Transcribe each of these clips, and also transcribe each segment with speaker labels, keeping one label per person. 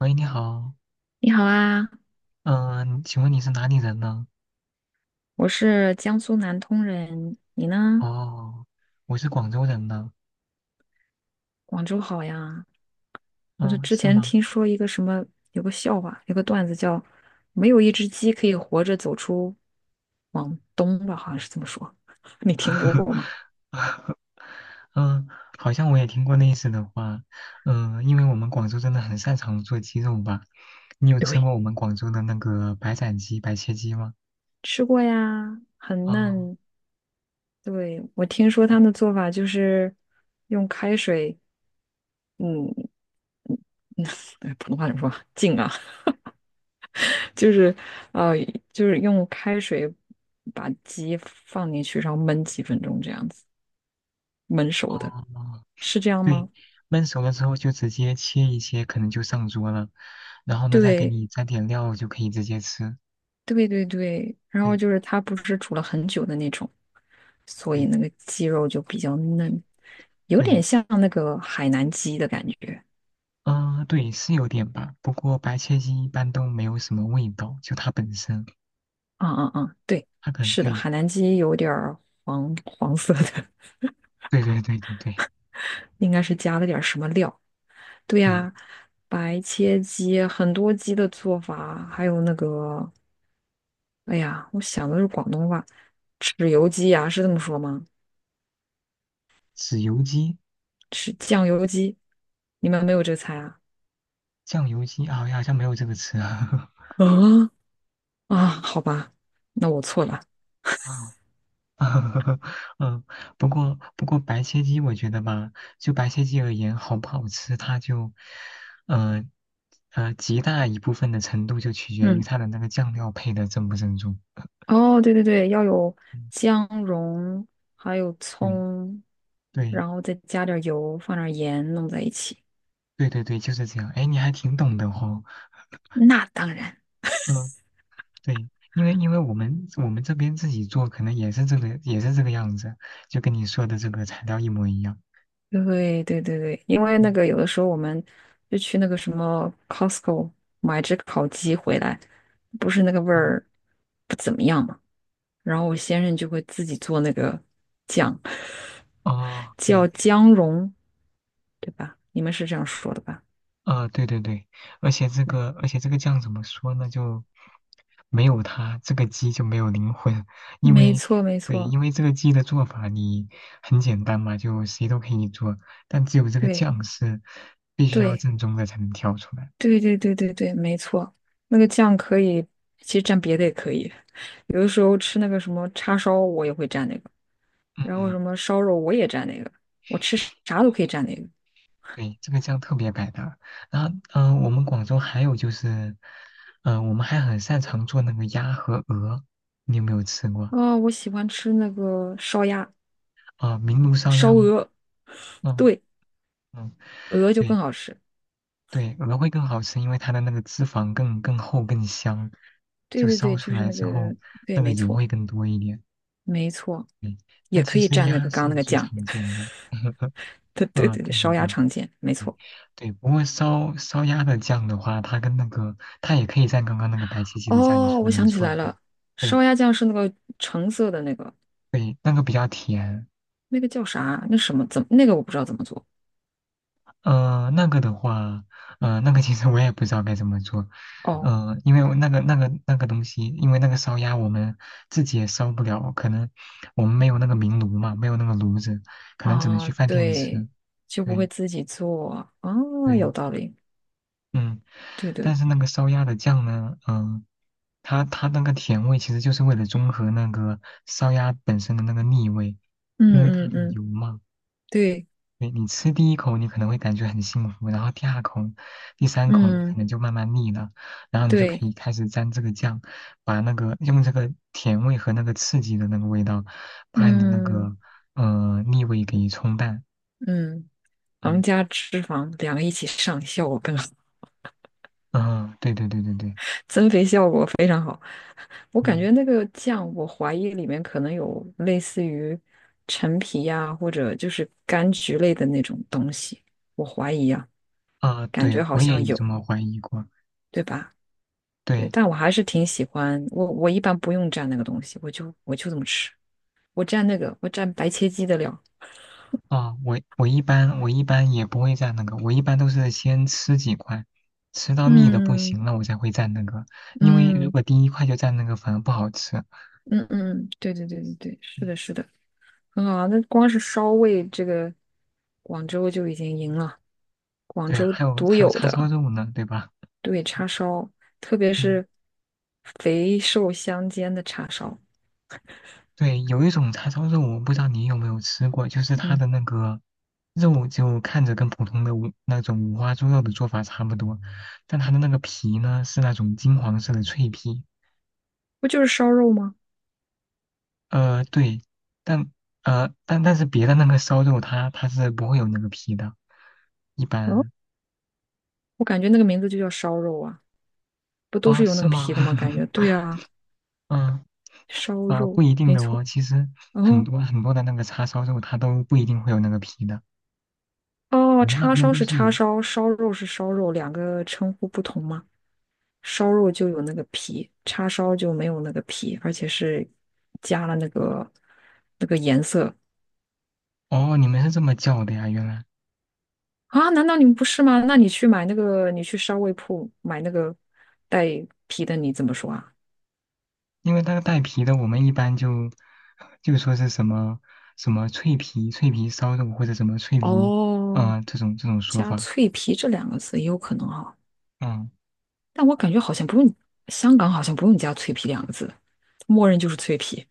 Speaker 1: 喂，你好，
Speaker 2: 你好啊，
Speaker 1: 嗯、请问你是哪里人呢？
Speaker 2: 我是江苏南通人，你呢？
Speaker 1: 哦，我是广州人呢。
Speaker 2: 广州好呀。我就
Speaker 1: 嗯、
Speaker 2: 之
Speaker 1: 是
Speaker 2: 前
Speaker 1: 吗？
Speaker 2: 听说一个什么，有个笑话，有个段子叫“没有一只鸡可以活着走出往东吧”，好像是这么说。你听说过吗？
Speaker 1: 嗯、好像我也听过类似的话。因为我们广州真的很擅长做鸡肉吧？你有吃
Speaker 2: 对，
Speaker 1: 过我们广州的那个白斩鸡、白切鸡吗？
Speaker 2: 吃过呀，很
Speaker 1: 哦
Speaker 2: 嫩。对，我听说他们的做法就是用开水，嗯，普通话怎么说？浸啊。就是呃，就是用开水把鸡放进去，然后焖几分钟这样子，焖熟的，
Speaker 1: 哦，
Speaker 2: 是这样
Speaker 1: 对，
Speaker 2: 吗？
Speaker 1: 焖熟了之后就直接切一切，可能就上桌了。然后呢，再给
Speaker 2: 对，
Speaker 1: 你沾点料就可以直接吃。
Speaker 2: 对对对。然后
Speaker 1: 对
Speaker 2: 就是它不是煮了很久的那种，所以
Speaker 1: 对
Speaker 2: 那个鸡肉就比较嫩，有
Speaker 1: 对，
Speaker 2: 点像那个海南鸡的感觉。
Speaker 1: 嗯，对，是有点吧。不过白切鸡一般都没有什么味道，就它本身，
Speaker 2: 嗯嗯嗯，对，
Speaker 1: 它可能
Speaker 2: 是的，
Speaker 1: 对，
Speaker 2: 海南鸡有点儿黄黄色的，
Speaker 1: 对对对对对
Speaker 2: 应该是加了点儿什么料。对
Speaker 1: 对，
Speaker 2: 呀，白切鸡，很多鸡的做法，还有那个哎呀，我想的是广东话，豉油鸡呀、是这么说吗？
Speaker 1: 豉油鸡、
Speaker 2: 是酱油鸡，你们没有这个菜啊？
Speaker 1: 酱油鸡啊，好像没有这个词啊。
Speaker 2: 啊啊，好吧，那我错了。
Speaker 1: 啊，嗯，不过白切鸡我觉得吧，就白切鸡而言，好不好吃，它就，呃极大一部分的程度就取决于
Speaker 2: 嗯，
Speaker 1: 它的那个酱料配的正不正宗。
Speaker 2: 哦，对对对，要有
Speaker 1: 嗯，
Speaker 2: 姜蓉，还有
Speaker 1: 对
Speaker 2: 葱，
Speaker 1: 对
Speaker 2: 然后再加点儿油，放点儿盐，弄在一起。
Speaker 1: 对对对，就是这样。哎，你还挺懂的哦。
Speaker 2: 那当然。
Speaker 1: 嗯。对，因为我们这边自己做，可能也是这个样子，就跟你说的这个材料一模一样。
Speaker 2: 对对对对，因为那
Speaker 1: 嗯
Speaker 2: 个有的时候我们就去那个什么 Costco 买只烤鸡回来，不是那个味
Speaker 1: 啊
Speaker 2: 儿不怎么样嘛，然后我先生就会自己做那个酱，
Speaker 1: 哦，
Speaker 2: 叫
Speaker 1: 对，
Speaker 2: 姜蓉，对吧？你们是这样说的吧？
Speaker 1: 啊，对对对，而且这
Speaker 2: 没，
Speaker 1: 个而且这个酱怎么说呢？就没有它这个鸡就没有灵魂，因
Speaker 2: 没
Speaker 1: 为
Speaker 2: 错没
Speaker 1: 对，
Speaker 2: 错，
Speaker 1: 因为这个鸡的做法你很简单嘛，就谁都可以做，但只有这个
Speaker 2: 对
Speaker 1: 酱是必须要
Speaker 2: 对
Speaker 1: 正宗的才能调出来。
Speaker 2: 对对对对对，没错，那个酱可以，其实蘸别的也可以，有的时候吃那个什么叉烧，我也会蘸那个。
Speaker 1: 嗯
Speaker 2: 然后
Speaker 1: 嗯
Speaker 2: 什么烧肉我也蘸那个，我吃啥都可以蘸那个。
Speaker 1: 对，这个酱特别百搭。然后，我们广州还有就是，我们还很擅长做那个鸭和鹅，你有没有吃过？
Speaker 2: 啊！我喜欢吃那个烧鸭、
Speaker 1: 啊、明炉烧
Speaker 2: 烧
Speaker 1: 鸭吗？
Speaker 2: 鹅，
Speaker 1: 嗯
Speaker 2: 对，
Speaker 1: 嗯，
Speaker 2: 鹅就更
Speaker 1: 对
Speaker 2: 好吃。
Speaker 1: 对，鹅会更好吃，因为它的那个脂肪更厚更香，
Speaker 2: 对
Speaker 1: 就
Speaker 2: 对
Speaker 1: 烧
Speaker 2: 对，
Speaker 1: 出
Speaker 2: 就是
Speaker 1: 来
Speaker 2: 那
Speaker 1: 之后
Speaker 2: 个，对，
Speaker 1: 那个
Speaker 2: 没
Speaker 1: 油
Speaker 2: 错，
Speaker 1: 会更多一点。
Speaker 2: 没错，
Speaker 1: 对，但
Speaker 2: 也可
Speaker 1: 其
Speaker 2: 以
Speaker 1: 实
Speaker 2: 蘸那
Speaker 1: 鸭
Speaker 2: 个刚刚
Speaker 1: 是
Speaker 2: 那个
Speaker 1: 最
Speaker 2: 酱。
Speaker 1: 常 见的。
Speaker 2: 对对
Speaker 1: 嗯，
Speaker 2: 对对，
Speaker 1: 对对
Speaker 2: 烧鸭
Speaker 1: 对。
Speaker 2: 常见，没错。
Speaker 1: 对，不过烧鸭的酱的话，它跟那个它也可以蘸刚刚那个白切鸡的酱，你
Speaker 2: 哦，
Speaker 1: 说的
Speaker 2: 我
Speaker 1: 没
Speaker 2: 想起
Speaker 1: 错，
Speaker 2: 来
Speaker 1: 对，
Speaker 2: 了，
Speaker 1: 对
Speaker 2: 烧鸭酱是那个橙色的那个，
Speaker 1: 对，那个比较甜。
Speaker 2: 那个叫啥？那什么？怎么？那个我不知道怎么做。
Speaker 1: 那个的话，那个其实我也不知道该怎么做，
Speaker 2: 哦
Speaker 1: 因为我那个东西，因为那个烧鸭我们自己也烧不了，可能我们没有那个明炉嘛，没有那个炉子，可能只能
Speaker 2: 啊，
Speaker 1: 去饭店
Speaker 2: 对，
Speaker 1: 吃。
Speaker 2: 就不会
Speaker 1: 对
Speaker 2: 自己做。啊，有
Speaker 1: 对，
Speaker 2: 道理。
Speaker 1: 嗯，
Speaker 2: 对对。
Speaker 1: 但是那个烧鸭的酱呢，它那个甜味其实就是为了中和那个烧鸭本身的那个腻味，因
Speaker 2: 嗯
Speaker 1: 为它
Speaker 2: 嗯
Speaker 1: 的
Speaker 2: 嗯，
Speaker 1: 油嘛。
Speaker 2: 对，
Speaker 1: 你吃第一口你可能会感觉很幸福，然后第二口、第三口你可
Speaker 2: 嗯
Speaker 1: 能就慢慢腻了，然后你就可
Speaker 2: 对，
Speaker 1: 以开始沾这个酱，把那个用这个甜味和那个刺激的那个味道，把你的那
Speaker 2: 嗯
Speaker 1: 个腻味给冲淡。
Speaker 2: 嗯，糖
Speaker 1: 嗯
Speaker 2: 加脂肪两个一起上，效果更好，
Speaker 1: 嗯，对对对对对，
Speaker 2: 增肥效果非常好。我感
Speaker 1: 嗯
Speaker 2: 觉那个酱，我怀疑里面可能有类似于陈皮呀、或者就是柑橘类的那种东西，我怀疑啊，
Speaker 1: 啊，
Speaker 2: 感
Speaker 1: 对
Speaker 2: 觉好
Speaker 1: 我也
Speaker 2: 像
Speaker 1: 有这
Speaker 2: 有，
Speaker 1: 么怀疑过。
Speaker 2: 对吧？对，
Speaker 1: 对，
Speaker 2: 但我还是挺喜欢，我一般不用蘸那个东西，我就这么吃，我蘸那个，我蘸白切鸡的料。
Speaker 1: 啊，我一般也不会蘸那个，我一般都是先吃几块，吃到腻的不
Speaker 2: 嗯
Speaker 1: 行了，我才会蘸那个。因为如
Speaker 2: 嗯。
Speaker 1: 果第一块就蘸那个，反而不好吃。
Speaker 2: 嗯嗯，对对对对对，是
Speaker 1: 嗯，
Speaker 2: 的，是的，很好啊。那光是烧味，这个广州就已经赢了，广
Speaker 1: 对啊，
Speaker 2: 州
Speaker 1: 还有
Speaker 2: 独
Speaker 1: 还有
Speaker 2: 有
Speaker 1: 叉烧
Speaker 2: 的
Speaker 1: 肉呢，对吧？
Speaker 2: 对叉烧，特别
Speaker 1: 嗯，
Speaker 2: 是肥瘦相间的叉烧，
Speaker 1: 对，有一种叉烧肉，我不知道你有没有吃过，就是它
Speaker 2: 嗯，
Speaker 1: 的那个肉就看着跟普通的那种五花猪肉的做法差不多，但它的那个皮呢是那种金黄色的脆皮。
Speaker 2: 不就是烧肉吗？
Speaker 1: 对，但但是别的那个烧肉它是不会有那个皮的，一
Speaker 2: 嗯，
Speaker 1: 般
Speaker 2: 我感觉那个名字就叫烧肉啊，不都是
Speaker 1: 啊，
Speaker 2: 有那
Speaker 1: 是
Speaker 2: 个
Speaker 1: 吗？
Speaker 2: 皮的吗？感觉 对啊，
Speaker 1: 嗯
Speaker 2: 烧肉
Speaker 1: 不一定
Speaker 2: 没
Speaker 1: 的
Speaker 2: 错。
Speaker 1: 哦，其实
Speaker 2: 然
Speaker 1: 很
Speaker 2: 后
Speaker 1: 多很多的那个叉烧肉它都不一定会有那个皮的，
Speaker 2: 哦，
Speaker 1: 你们那
Speaker 2: 叉
Speaker 1: 边
Speaker 2: 烧
Speaker 1: 都
Speaker 2: 是
Speaker 1: 是
Speaker 2: 叉
Speaker 1: 有。
Speaker 2: 烧，烧肉是烧肉，两个称呼不同吗？烧肉就有那个皮，叉烧就没有那个皮，而且是加了那个那个颜色
Speaker 1: 哦，你们是这么叫的呀？原来，
Speaker 2: 啊？难道你们不是吗？那你去买那个，你去烧味铺买那个带皮的，你怎么说啊？
Speaker 1: 因为那个带皮的，我们一般就就说是什么什么脆皮烧肉或者什么脆皮，
Speaker 2: 哦，
Speaker 1: 这种这种说
Speaker 2: 加
Speaker 1: 法，
Speaker 2: 脆皮这两个字也有可能哈，
Speaker 1: 嗯，
Speaker 2: 但我感觉好像不用，香港好像不用加脆皮两个字，默认就是脆皮，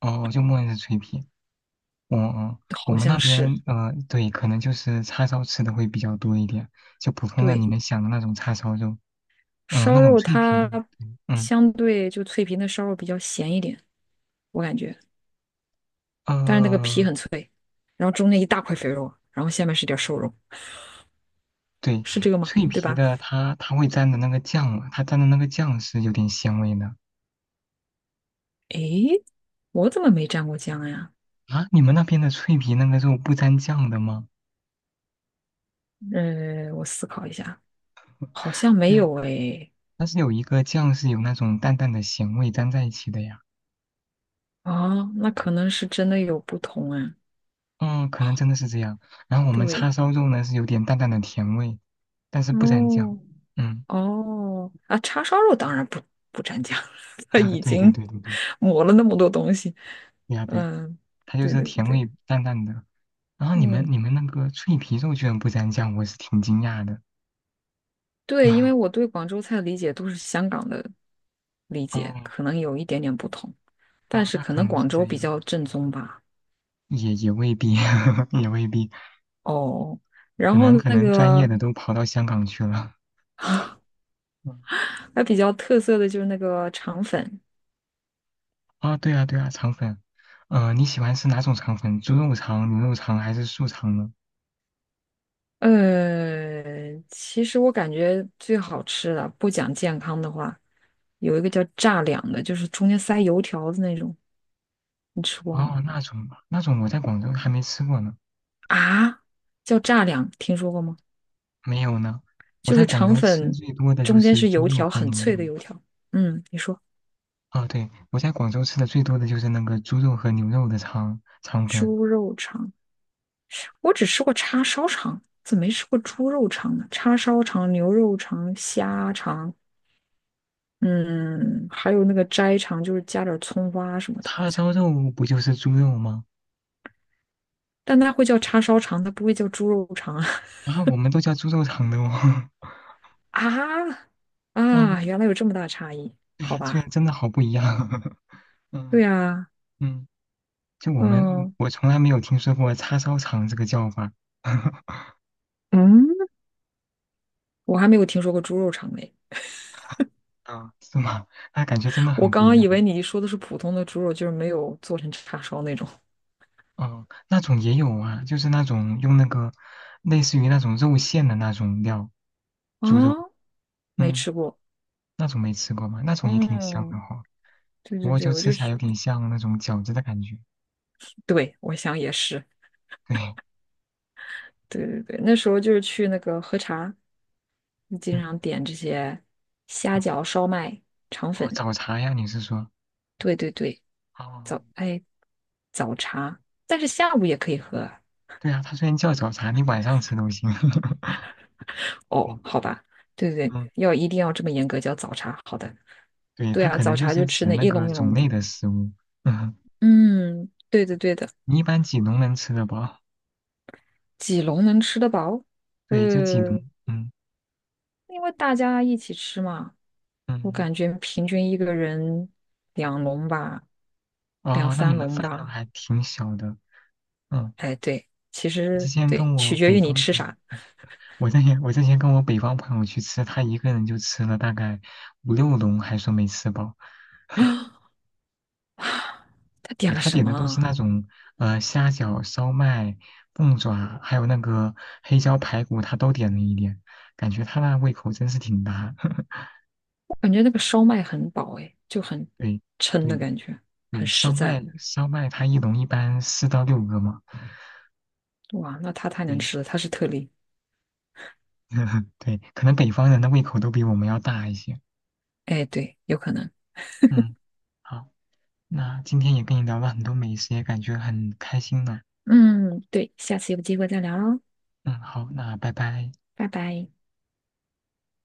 Speaker 1: 哦，就默认是脆皮。嗯嗯，我
Speaker 2: 好
Speaker 1: 们
Speaker 2: 像
Speaker 1: 那
Speaker 2: 是。
Speaker 1: 边对，可能就是叉烧吃的会比较多一点，就普通的你
Speaker 2: 对，
Speaker 1: 们想的那种叉烧肉，那
Speaker 2: 烧
Speaker 1: 种
Speaker 2: 肉
Speaker 1: 脆皮的，
Speaker 2: 它
Speaker 1: 对嗯
Speaker 2: 相对就脆皮那烧肉比较咸一点，我感觉。但是那个皮
Speaker 1: 呃，
Speaker 2: 很脆，然后中间一大块肥肉，然后下面是点瘦肉，
Speaker 1: 对，
Speaker 2: 是这个吗？
Speaker 1: 脆
Speaker 2: 对
Speaker 1: 皮
Speaker 2: 吧？
Speaker 1: 的它会沾的那个酱嘛，它沾的那个酱是有点鲜味的
Speaker 2: 诶，我怎么没蘸过酱呀？
Speaker 1: 啊。你们那边的脆皮那个肉不沾酱的吗？
Speaker 2: 我思考一下，好像没
Speaker 1: 对啊，
Speaker 2: 有诶。
Speaker 1: 但是有一个酱是有那种淡淡的咸味沾在一起的呀。
Speaker 2: 哦，那可能是真的有不同啊。
Speaker 1: 嗯，可能真的是这样。然后我们叉
Speaker 2: 对，
Speaker 1: 烧肉呢是有点淡淡的甜味，但是不沾酱。
Speaker 2: 哦
Speaker 1: 嗯。
Speaker 2: 哦啊，叉烧肉当然不蘸酱，它
Speaker 1: 啊，
Speaker 2: 已
Speaker 1: 对对
Speaker 2: 经
Speaker 1: 对对对，
Speaker 2: 抹了那么多东西。
Speaker 1: 对呀对呀，
Speaker 2: 嗯，
Speaker 1: 它就
Speaker 2: 对
Speaker 1: 是
Speaker 2: 对
Speaker 1: 甜
Speaker 2: 对，
Speaker 1: 味淡淡的。然后你们
Speaker 2: 嗯，
Speaker 1: 你们那个脆皮肉居然不沾酱，我是挺惊讶的。
Speaker 2: 对，因为我 对广州菜的理解都是香港的理解，
Speaker 1: 哦
Speaker 2: 可能有一点点不同，但
Speaker 1: 哦，
Speaker 2: 是
Speaker 1: 那
Speaker 2: 可
Speaker 1: 可
Speaker 2: 能
Speaker 1: 能是
Speaker 2: 广
Speaker 1: 这
Speaker 2: 州比
Speaker 1: 样，
Speaker 2: 较正宗吧。
Speaker 1: 也未必，也未必，
Speaker 2: 哦，
Speaker 1: 可
Speaker 2: 然后
Speaker 1: 能可
Speaker 2: 那
Speaker 1: 能专业
Speaker 2: 个
Speaker 1: 的都跑到香港去了。嗯，
Speaker 2: 还比较特色的就是那个肠粉，
Speaker 1: 啊，对啊对啊，肠粉，你喜欢吃哪种肠粉？猪肉肠、牛肉肠还是素肠呢？
Speaker 2: 其实我感觉最好吃的，不讲健康的话，有一个叫炸两的，就是中间塞油条的那种，你吃过吗？
Speaker 1: 哦，那种我在广州还没吃过呢，
Speaker 2: 啊，叫炸两，听说过吗？
Speaker 1: 没有呢。我
Speaker 2: 就
Speaker 1: 在
Speaker 2: 是
Speaker 1: 广
Speaker 2: 肠
Speaker 1: 州吃
Speaker 2: 粉
Speaker 1: 最多的就
Speaker 2: 中间
Speaker 1: 是
Speaker 2: 是
Speaker 1: 猪
Speaker 2: 油
Speaker 1: 肉
Speaker 2: 条，
Speaker 1: 和
Speaker 2: 很
Speaker 1: 牛
Speaker 2: 脆
Speaker 1: 肉。
Speaker 2: 的油条。嗯，你说。
Speaker 1: 哦，对，我在广州吃的最多的就是那个猪肉和牛肉的肠粉，
Speaker 2: 猪肉肠，我只吃过叉烧肠，怎么没吃过猪肉肠呢？叉烧肠、牛肉肠、虾肠，嗯，还有那个斋肠，就是加点葱花什么的，好
Speaker 1: 叉
Speaker 2: 像。
Speaker 1: 烧肉不就是猪肉吗？
Speaker 2: 但它会叫叉烧肠，它不会叫猪肉肠啊！
Speaker 1: 啊，我们都叫猪肉肠的哦。
Speaker 2: 啊啊，
Speaker 1: 嗯，
Speaker 2: 原来有这么大差异，
Speaker 1: 对
Speaker 2: 好
Speaker 1: 呀，居然
Speaker 2: 吧？
Speaker 1: 真的好不一样。
Speaker 2: 对
Speaker 1: 嗯
Speaker 2: 呀，
Speaker 1: 嗯，就我们
Speaker 2: 嗯
Speaker 1: 我从来没有听说过叉烧肠这个叫法。
Speaker 2: 嗯，我还没有听说过猪肉肠嘞。
Speaker 1: 啊，是吗？那感觉真的
Speaker 2: 我
Speaker 1: 很不
Speaker 2: 刚
Speaker 1: 一
Speaker 2: 刚以
Speaker 1: 样。
Speaker 2: 为你说的是普通的猪肉，就是没有做成叉烧那种
Speaker 1: 哦，那种也有啊，就是那种用那个类似于那种肉馅的那种料，猪肉，
Speaker 2: 啊，没
Speaker 1: 嗯，
Speaker 2: 吃过。
Speaker 1: 那种没吃过吗？那种也挺香的
Speaker 2: 嗯，
Speaker 1: 哈、
Speaker 2: 对
Speaker 1: 不
Speaker 2: 对
Speaker 1: 过
Speaker 2: 对，
Speaker 1: 就
Speaker 2: 我就
Speaker 1: 吃起来有点像那种饺子的感觉。
Speaker 2: 对，我想也是，
Speaker 1: 对，
Speaker 2: 对对对，那时候就是去那个喝茶，经
Speaker 1: 嗯，
Speaker 2: 常点这些虾
Speaker 1: 哦
Speaker 2: 饺、烧麦、肠
Speaker 1: 哦，
Speaker 2: 粉，
Speaker 1: 早茶呀，你是说？
Speaker 2: 对对对，
Speaker 1: 哦，
Speaker 2: 早，哎，早茶，但是下午也可以喝啊
Speaker 1: 对啊，它虽然叫早茶，你晚上吃都行。对，
Speaker 2: 哦，好吧，对对对，
Speaker 1: 嗯，
Speaker 2: 要一定要这么严格叫早茶，好的，
Speaker 1: 对，
Speaker 2: 对
Speaker 1: 它
Speaker 2: 啊，
Speaker 1: 可
Speaker 2: 早
Speaker 1: 能就
Speaker 2: 茶
Speaker 1: 是
Speaker 2: 就吃
Speaker 1: 指
Speaker 2: 那
Speaker 1: 那
Speaker 2: 一
Speaker 1: 个
Speaker 2: 笼一
Speaker 1: 种
Speaker 2: 笼的，
Speaker 1: 类的食物。嗯，
Speaker 2: 嗯，对的对的，
Speaker 1: 你一般几笼能吃得饱？
Speaker 2: 几笼能吃得饱？
Speaker 1: 对，就几笼。
Speaker 2: 呃，
Speaker 1: 嗯
Speaker 2: 因为大家一起吃嘛，我
Speaker 1: 嗯，
Speaker 2: 感觉平均一个人两笼吧，两
Speaker 1: 哦，那你
Speaker 2: 三
Speaker 1: 们
Speaker 2: 笼
Speaker 1: 饭量
Speaker 2: 吧。
Speaker 1: 还挺小的。嗯，
Speaker 2: 哎，对，其
Speaker 1: 我之
Speaker 2: 实
Speaker 1: 前
Speaker 2: 对，
Speaker 1: 跟我
Speaker 2: 取决
Speaker 1: 北
Speaker 2: 于你
Speaker 1: 方，
Speaker 2: 吃啥。
Speaker 1: 我之前跟我北方朋友去吃，他一个人就吃了大概5、6笼，还说没吃饱。
Speaker 2: 他点了
Speaker 1: 他
Speaker 2: 什
Speaker 1: 点
Speaker 2: 么
Speaker 1: 的都是
Speaker 2: 啊？
Speaker 1: 那种虾饺、烧麦、凤爪，还有那个黑椒排骨，他都点了一点，感觉他那胃口真是挺大。
Speaker 2: 我感觉那个烧麦很饱，哎，就很
Speaker 1: 对
Speaker 2: 撑
Speaker 1: 对
Speaker 2: 的感觉，很
Speaker 1: 对，
Speaker 2: 实
Speaker 1: 烧麦
Speaker 2: 在。
Speaker 1: 烧麦，他一笼一般4到6个嘛。
Speaker 2: 哇，那他太能
Speaker 1: 对
Speaker 2: 吃了，他是特例。
Speaker 1: 对，可能北方人的胃口都比我们要大一些。
Speaker 2: 哎，对，有可能。
Speaker 1: 嗯，好，那今天也跟你聊了很多美食，也感觉很开心呢。
Speaker 2: 嗯，对，下次有机会再聊喽，
Speaker 1: 嗯，好，那拜拜。
Speaker 2: 拜拜。